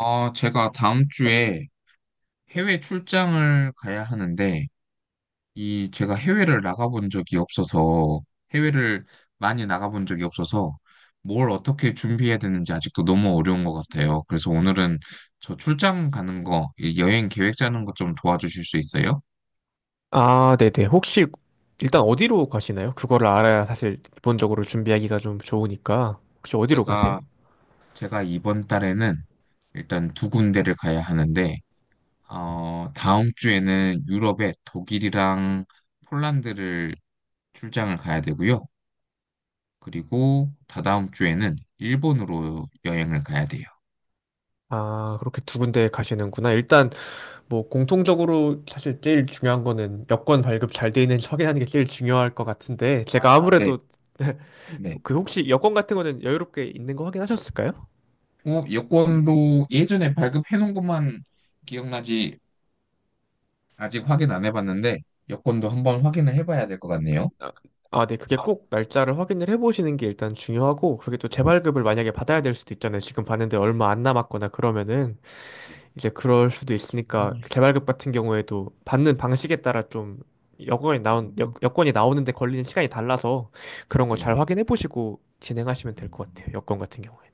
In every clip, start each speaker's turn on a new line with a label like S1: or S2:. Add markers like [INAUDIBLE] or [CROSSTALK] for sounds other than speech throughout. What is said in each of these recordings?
S1: 아, 제가 다음 주에 해외 출장을 가야 하는데, 이, 제가 해외를 나가본 적이 없어서, 해외를 많이 나가본 적이 없어서, 뭘 어떻게 준비해야 되는지 아직도 너무 어려운 것 같아요. 그래서 오늘은 저 출장 가는 거, 이 여행 계획 짜는 것 좀 도와주실 수 있어요?
S2: 아, 네네. 혹시 일단 어디로 가시나요? 그거를 알아야 사실 기본적으로 준비하기가 좀 좋으니까. 혹시 어디로 가세요?
S1: 제가, 제가 이번 달에는 일단 두 군데를 가야 하는데, 다음 주에는 유럽의 독일이랑 폴란드를 출장을 가야 되고요. 그리고 다다음 주에는 일본으로 여행을 가야 돼요.
S2: 아, 그렇게 두 군데 가시는구나. 일단 뭐 공통적으로 사실 제일 중요한 거는 여권 발급 잘 돼 있는지 확인하는 게 제일 중요할 것 같은데 제가
S1: 네,
S2: 아무래도
S1: 네.
S2: [LAUGHS] 그 혹시 여권 같은 거는 여유롭게 있는 거 확인하셨을까요?
S1: 여권도 예전에 발급해 놓은 것만 기억나지 아직 확인 안 해봤는데 여권도 한번 확인을 해봐야 될 것 같네요.
S2: 아, 아, 네. 그게
S1: 아,
S2: 꼭 날짜를 확인을 해보시는 게 일단 중요하고 그게 또 재발급을 만약에 받아야 될 수도 있잖아요. 지금 봤는데 얼마 안 남았거나 그러면은
S1: 네.
S2: 이제 그럴 수도
S1: 음,
S2: 있으니까 개발급 같은 경우에도 받는 방식에 따라 좀 여건이 나온 여건이 나오는데 걸리는 시간이 달라서 그런 거 잘
S1: 네.
S2: 확인해 보시고 진행하시면 될 것 같아요.
S1: 음,
S2: 여건 같은 경우에는.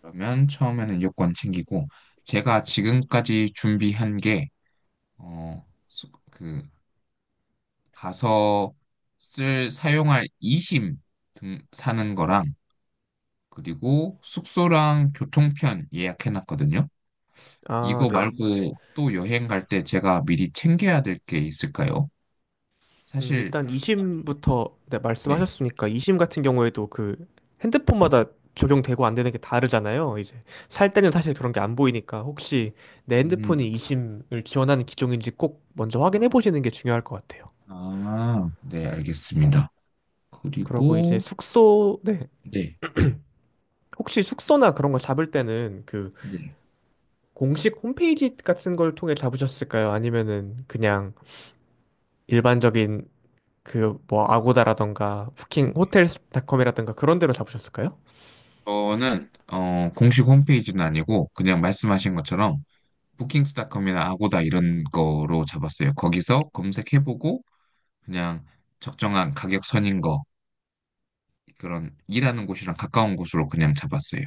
S1: 그러면 처음에는 여권 챙기고 제가 지금까지 준비한 게 그 가서 쓸 사용할 이심 등 사는 거랑 그리고 숙소랑 교통편 예약해놨거든요. 이거
S2: 아,
S1: 아, 네.
S2: 네.
S1: 말고 또 여행 갈 때 제가 미리 챙겨야 될 게 있을까요? 사실,
S2: 일단 2심부터 네,
S1: 네.
S2: 말씀하셨으니까 2심 같은 경우에도 그 핸드폰마다 적용되고 안 되는 게 다르잖아요. 이제 살 때는 사실 그런 게 안 보이니까 혹시 내
S1: 음,
S2: 핸드폰이 2심을 지원하는 기종인지 꼭 먼저 확인해 보시는 게 중요할 것 같아요.
S1: 아, 네, 알겠습니다.
S2: 그러고 이제
S1: 그리고,
S2: 숙소, 네.
S1: 네,
S2: 혹시 숙소나 그런 거 잡을 때는 그
S1: 네.
S2: 공식 홈페이지 같은 걸 통해 잡으셨을까요? 아니면은 그냥 일반적인 그 뭐 아고다라던가 부킹 호텔닷컴이라던가 그런 데로 잡으셨을까요?
S1: 저는, 공식 홈페이지는 아니고, 그냥 말씀하신 것처럼, 부킹스닷컴이나 아고다 이런 거로 잡았어요. 거기서 검색해보고, 그냥 적정한 가격 선인 거, 그런 일하는 곳이랑 가까운 곳으로 그냥 잡았어요.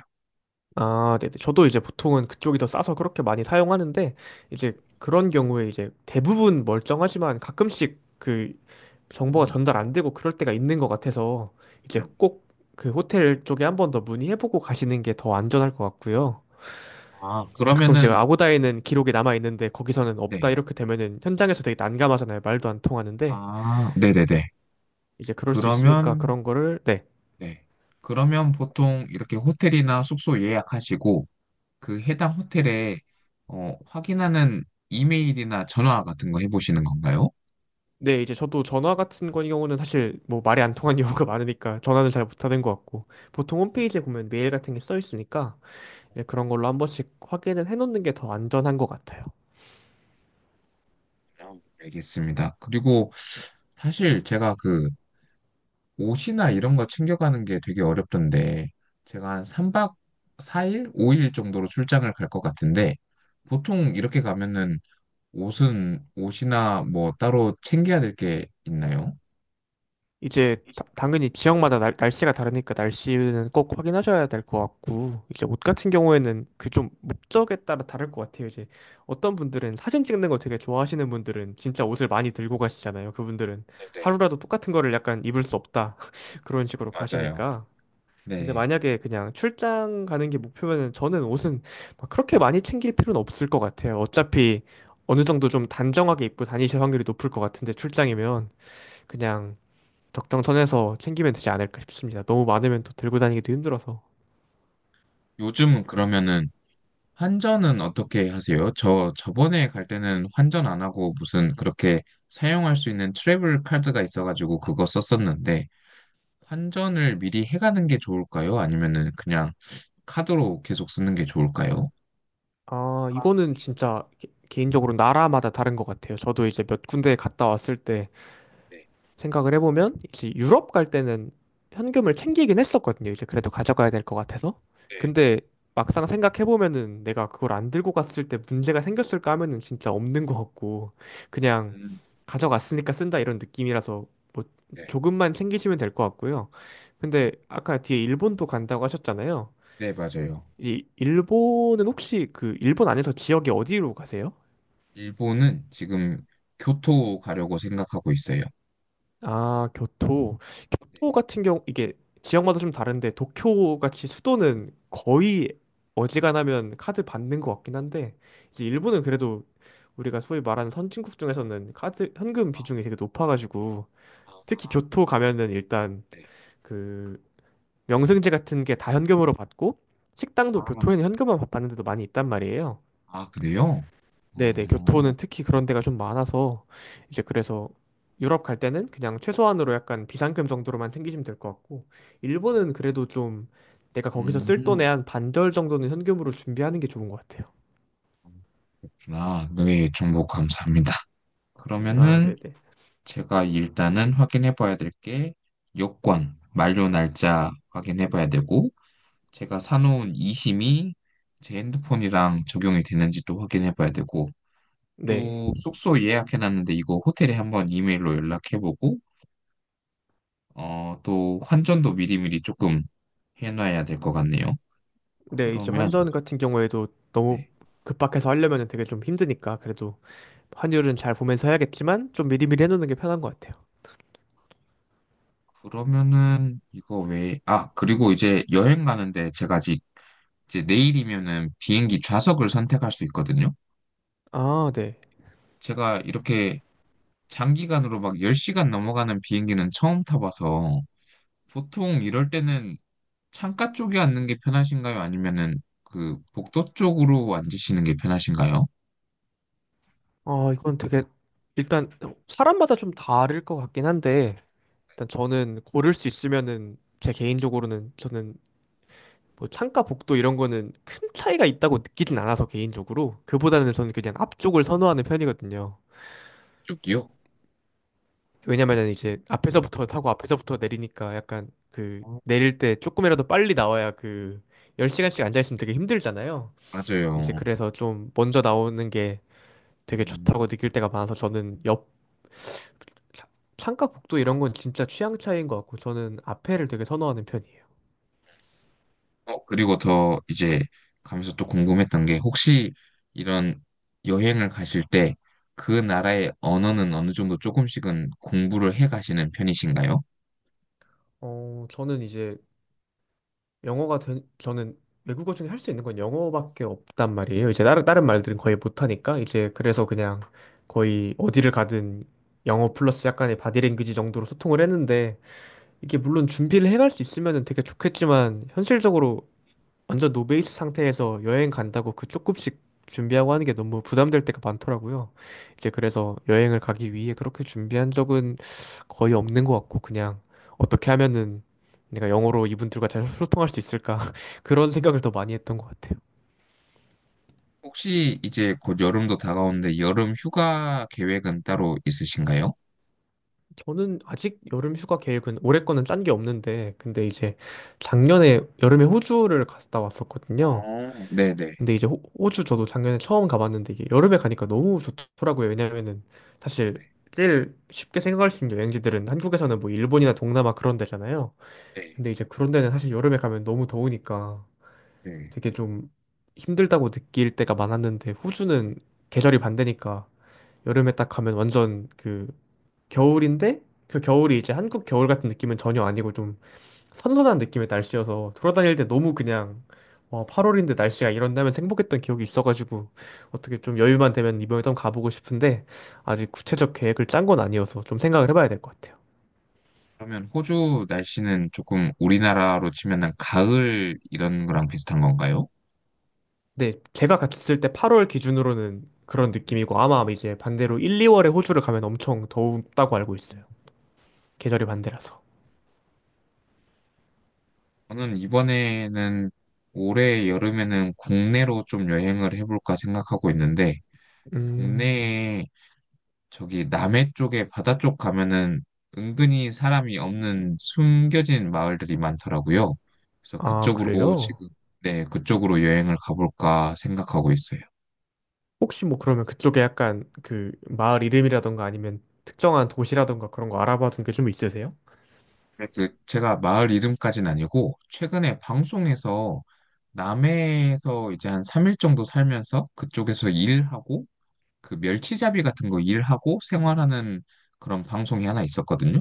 S2: 아, 네네. 저도 이제 보통은 그쪽이 더 싸서 그렇게 많이 사용하는데 이제 그런 경우에 이제 대부분 멀쩡하지만 가끔씩 그 정보가
S1: 음.
S2: 전달 안 되고 그럴 때가 있는 것 같아서 이제
S1: 음.
S2: 꼭 그 호텔 쪽에 한번 더 문의해보고 가시는 게 더 안전할 것 같고요.
S1: 아,
S2: 가끔씩
S1: 그러면은,
S2: 아고다에는 기록이 남아 있는데 거기서는 없다
S1: 네.
S2: 이렇게 되면은 현장에서 되게 난감하잖아요. 말도 안 통하는데
S1: 아, 네네네.
S2: 이제 그럴 수 있으니까
S1: 그러면,
S2: 그런 거를 네.
S1: 네. 그러면 보통 이렇게 호텔이나 숙소 예약하시고, 그 해당 호텔에, 확인하는 이메일이나 전화 같은 거 해보시는 건가요?
S2: 네, 이제 저도 전화 같은 거 경우는 사실 뭐 말이 안 통한 경우가 [LAUGHS] 많으니까 전화는 잘 못하는 것 같고 보통
S1: 네.
S2: 홈페이지에 보면 메일 같은 게 써 있으니까 이제 그런 걸로 한 번씩 확인을 해놓는 게 더 안전한 것 같아요.
S1: 아, 알겠습니다. 그리고 사실 제가 그 옷이나 이런 거 챙겨가는 게 되게 어렵던데, 제가 한 3박 4일? 5일 정도로 출장을 갈 것 같은데, 보통 이렇게 가면은 옷은 옷이나 뭐 따로 챙겨야 될 게 있나요?
S2: 이제 당연히 지역마다 날씨가 다르니까 날씨는 꼭 확인하셔야 될 것 같고 이제 옷 같은 경우에는 그 좀 목적에 따라 다를 것 같아요. 이제 어떤 분들은 사진 찍는 거 되게 좋아하시는 분들은 진짜 옷을 많이 들고 가시잖아요. 그분들은
S1: 네네,
S2: 하루라도 똑같은 거를 약간 입을 수 없다 [LAUGHS] 그런 식으로
S1: 맞아요.
S2: 가시니까. 근데
S1: 네.
S2: 만약에 그냥 출장 가는 게 목표면은 저는 옷은 막 그렇게 많이 챙길 필요는 없을 것 같아요. 어차피 어느 정도 좀 단정하게 입고 다니실 확률이 높을 것 같은데 출장이면 그냥 적정 선에서 챙기면 되지 않을까 싶습니다. 너무 많으면 또 들고 다니기도 힘들어서.
S1: 요즘 그러면은 환전은 어떻게 하세요? 저 저번에 갈 때는 환전 안 하고 무슨 그렇게 사용할 수 있는 트래블 카드가 있어가지고 그거 썼었는데 환전을 미리 해가는 게 좋을까요? 아니면은 그냥 카드로 계속 쓰는 게 좋을까요?
S2: 아,
S1: 아,
S2: 이거는 진짜 개인적으로 나라마다 다른 것 같아요. 저도 이제 몇 군데 갔다 왔을 때
S1: 네,
S2: 생각을 해보면 이제 유럽 갈 때는 현금을 챙기긴 했었거든요. 이제 그래도 가져가야 될 것 같아서.
S1: 네,
S2: 근데 막상 생각해보면은 내가 그걸 안 들고 갔을 때 문제가 생겼을까 하면은 진짜 없는 것 같고 그냥
S1: 음,
S2: 가져갔으니까 쓴다 이런 느낌이라서 뭐
S1: 네,
S2: 조금만 챙기시면 될 것 같고요. 근데 아까 뒤에 일본도 간다고 하셨잖아요.
S1: 네, 맞아요.
S2: 이 일본은 혹시 그 일본 안에서 지역이 어디로 가세요?
S1: 일본은 지금 교토 가려고 생각하고 있어요.
S2: 아, 교토.
S1: 네.
S2: 교토 같은 경우 이게 지역마다 좀 다른데 도쿄 같이 수도는 거의 어지간하면 카드 받는 것 같긴 한데 이제 일본은 그래도 우리가 소위 말하는 선진국 중에서는 카드 현금 비중이 되게 높아가지고
S1: 아,
S2: 특히 교토 가면은 일단
S1: 네.
S2: 그 명승지 같은 게 다 현금으로 받고
S1: 아,
S2: 식당도 교토에는 현금만 받는 데도 많이 있단 말이에요.
S1: 아, 그래요?
S2: 네네,
S1: 어,
S2: 교토는 특히 그런 데가 좀 많아서, 이제 그래서 유럽 갈 때는 그냥 최소한으로 약간 비상금 정도로만 챙기시면 될 것 같고, 일본은 그래도 좀 내가 거기서 쓸
S1: 음,
S2: 돈의 한 반절 정도는 현금으로 준비하는 게 좋은 것 같아요.
S1: 그렇구나. 네, 정보 감사합니다.
S2: 아,
S1: 그러면은
S2: 네네.
S1: 제가 일단은 확인해 봐야 될 게 요건 만료 날짜 확인해 봐야 되고 제가 사놓은 이심이 제 핸드폰이랑 적용이 되는지도 확인해 봐야 되고
S2: 네.
S1: 또 숙소 예약해 놨는데 이거 호텔에 한번 이메일로 연락해 보고 또 환전도 미리미리 조금 해 놔야 될 것 같네요.
S2: 네, 이제
S1: 그러면
S2: 환전 같은 경우에도 너무
S1: 네.
S2: 급박해서 하려면 되게 좀 힘드니까, 그래도 환율은 잘 보면서 해야겠지만, 좀 미리미리 해놓는 게 편한 것 같아요.
S1: 그러면은 아, 그리고 이제 여행 가는데 제가 아직 이제 내일이면은 비행기 좌석을 선택할 수 있거든요.
S2: 아, 네.
S1: 제가 이렇게 장기간으로 막 10시간 넘어가는 비행기는 처음 타봐서 보통 이럴 때는 창가 쪽에 앉는 게 편하신가요? 아니면은 그 복도 쪽으로 앉으시는 게 편하신가요?
S2: 아, 이건 되게, 일단 사람마다 좀 다를 것 같긴 한데, 일단 저는 고를 수 있으면은 제 개인적으로는 저는 뭐 창가 복도 이런 거는 큰 차이가 있다고 느끼진 않아서 개인적으로 그보다는 저는 그냥 앞쪽을 선호하는 편이거든요.
S1: 쪽이요?
S2: 왜냐면은 이제 앞에서부터 타고 앞에서부터 내리니까 약간 그
S1: 어,
S2: 내릴 때 조금이라도 빨리 나와야 그 10시간씩 앉아있으면 되게 힘들잖아요. 이제
S1: 맞아요.
S2: 그래서 좀 먼저 나오는 게 되게
S1: 음,
S2: 좋다고 느낄 때가 많아서 저는 옆 차- 창가 복도 이런 건 진짜 취향 차이인 것 같고 저는 앞에를 되게 선호하는 편이에요.
S1: 그리고 더 이제 가면서 또 궁금했던 게 혹시 이런 여행을 가실 때 그 나라의 언어는 어느 정도 조금씩은 공부를 해 가시는 편이신가요?
S2: 어, 저는 이제 저는 외국어 중에 할 수 있는 건 영어밖에 없단 말이에요. 이제 다른 말들은 거의 못하니까. 이제 그래서 그냥 거의 어디를 가든 영어 플러스 약간의 바디랭귀지 정도로 소통을 했는데, 이게 물론 준비를 해갈 수 있으면 되게 좋겠지만, 현실적으로 완전 노베이스 상태에서 여행 간다고 그 조금씩 준비하고 하는 게 너무 부담될 때가 많더라고요. 이제 그래서 여행을 가기 위해 그렇게 준비한 적은 거의 없는 것 같고 그냥 어떻게 하면은 내가 영어로 이분들과 잘 [LAUGHS] 소통할 수 있을까 [LAUGHS] 그런 생각을 더 많이 했던 것 같아요.
S1: 혹시 이제 곧 여름도 다가오는데 여름 휴가 계획은 따로 있으신가요?
S2: 저는 아직 여름 휴가 계획은 올해 거는 짠 게 없는데 근데 이제 작년에 여름에 호주를 갔다 왔었거든요.
S1: 어, 네네.
S2: 근데 이제 호주 저도 작년에 처음 가봤는데 이게 여름에 가니까 너무 좋더라고요. 왜냐면은 사실 제일 쉽게 생각할 수 있는 여행지들은 한국에서는 뭐 일본이나 동남아 그런 데잖아요.
S1: 네,
S2: 근데 이제 그런 데는 사실 여름에 가면 너무 더우니까
S1: 네.
S2: 되게 좀 힘들다고 느낄 때가 많았는데 호주는 계절이 반대니까 여름에 딱 가면 완전 그 겨울인데 그 겨울이 이제 한국 겨울 같은 느낌은 전혀 아니고 선선한 느낌의 날씨여서 돌아다닐 때 너무 그냥 와, 8월인데 날씨가 이런다면 행복했던 기억이 있어가지고 어떻게 좀 여유만 되면 이번에 좀 가보고 싶은데 아직 구체적 계획을 짠 건 아니어서 좀 생각을 해봐야 될 것 같아요.
S1: 그러면 호주 날씨는 조금 우리나라로 치면 은 가을 이런 거랑 비슷한 건가요?
S2: 근데 제가 갔을 때 8월 기준으로는 그런
S1: 네.
S2: 느낌이고 아마 이제 반대로 1, 2월에 호주를 가면 엄청 더웠다고 알고 있어요. 계절이 반대라서.
S1: 저는 이번에는 올해 여름에는 국내로 좀 여행을 해볼까 생각하고 있는데,
S2: 음,
S1: 국내에 저기 남해 쪽에 바다 쪽 가면은 은근히 사람이 없는 숨겨진 마을들이 많더라고요. 그래서
S2: 아,
S1: 그쪽으로
S2: 그래요?
S1: 지금, 네, 그쪽으로 여행을 가볼까 생각하고 있어요.
S2: 혹시 뭐 그러면 그쪽에 약간 그 마을 이름이라던가 아니면 특정한 도시라던가 그런 거 알아봐둔 게 좀 있으세요?
S1: 네, 그 제가 마을 이름까지는 아니고, 최근에 방송에서 남해에서 이제 한 3일 정도 살면서 그쪽에서 일하고, 그 멸치잡이 같은 거 일하고 생활하는 그런 방송이 하나 있었거든요.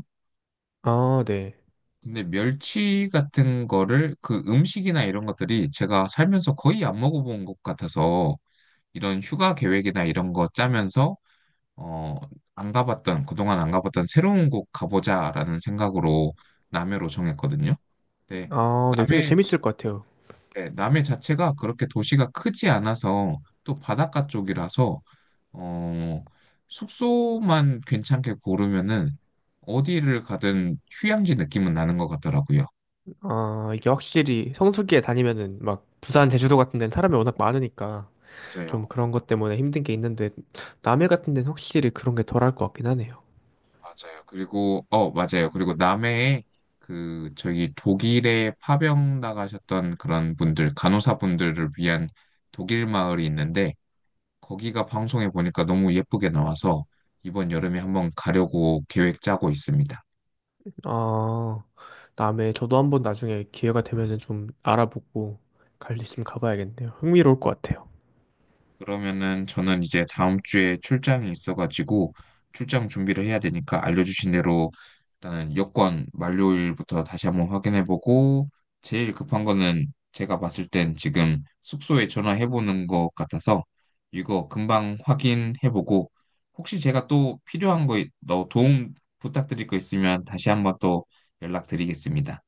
S2: 아, 네.
S1: 근데 멸치 같은 거를 그 음식이나 이런 것들이 제가 살면서 거의 안 먹어본 것 같아서 이런 휴가 계획이나 이런 거 짜면서 어, 안 가봤던, 그동안 안 가봤던 새로운 곳 가보자라는 생각으로 남해로 정했거든요. 근데
S2: 아, 네. 되게
S1: 남해,
S2: 재밌을 것 같아요.
S1: 네, 남해 자체가 그렇게 도시가 크지 않아서 또 바닷가 쪽이라서 어, 숙소만 괜찮게 고르면은 어디를 가든 휴양지 느낌은 나는 것 같더라고요.
S2: 아, 이게 확실히 성수기에 다니면은 막 부산, 제주도 같은 데는 사람이 워낙 많으니까 좀
S1: 맞아요.
S2: 그런 것 때문에 힘든 게 있는데 남해 같은 데는 확실히 그런 게 덜할 것 같긴 하네요.
S1: 맞아요. 그리고, 맞아요. 그리고 남해에 그, 저기 독일에 파병 나가셨던 그런 분들, 간호사분들을 위한 독일 마을이 있는데, 거기가 방송에 보니까 너무 예쁘게 나와서 이번 여름에 한번 가려고 계획 짜고 있습니다.
S2: 아, 남해 저도 한번 나중에 기회가 되면은 좀 알아보고 갈 수 있으면 가봐야겠네요. 흥미로울 것 같아요.
S1: 그러면은 저는 이제 다음 주에 출장이 있어가지고 출장 준비를 해야 되니까 알려주신 대로 일단은 여권 만료일부터 다시 한번 확인해보고 제일 급한 거는 제가 봤을 땐 지금 숙소에 전화해보는 것 같아서 이거 금방 확인해보고 혹시 제가 또 필요한 거, 너 도움 부탁드릴 거 있으면 다시 한번 또 연락드리겠습니다.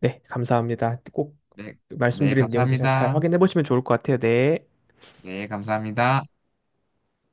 S2: 네, 감사합니다. 꼭
S1: 네, 네,
S2: 말씀드린 내용들 잘
S1: 감사합니다.
S2: 확인해 보시면 좋을 것 같아요. 네.
S1: 네, 감사합니다.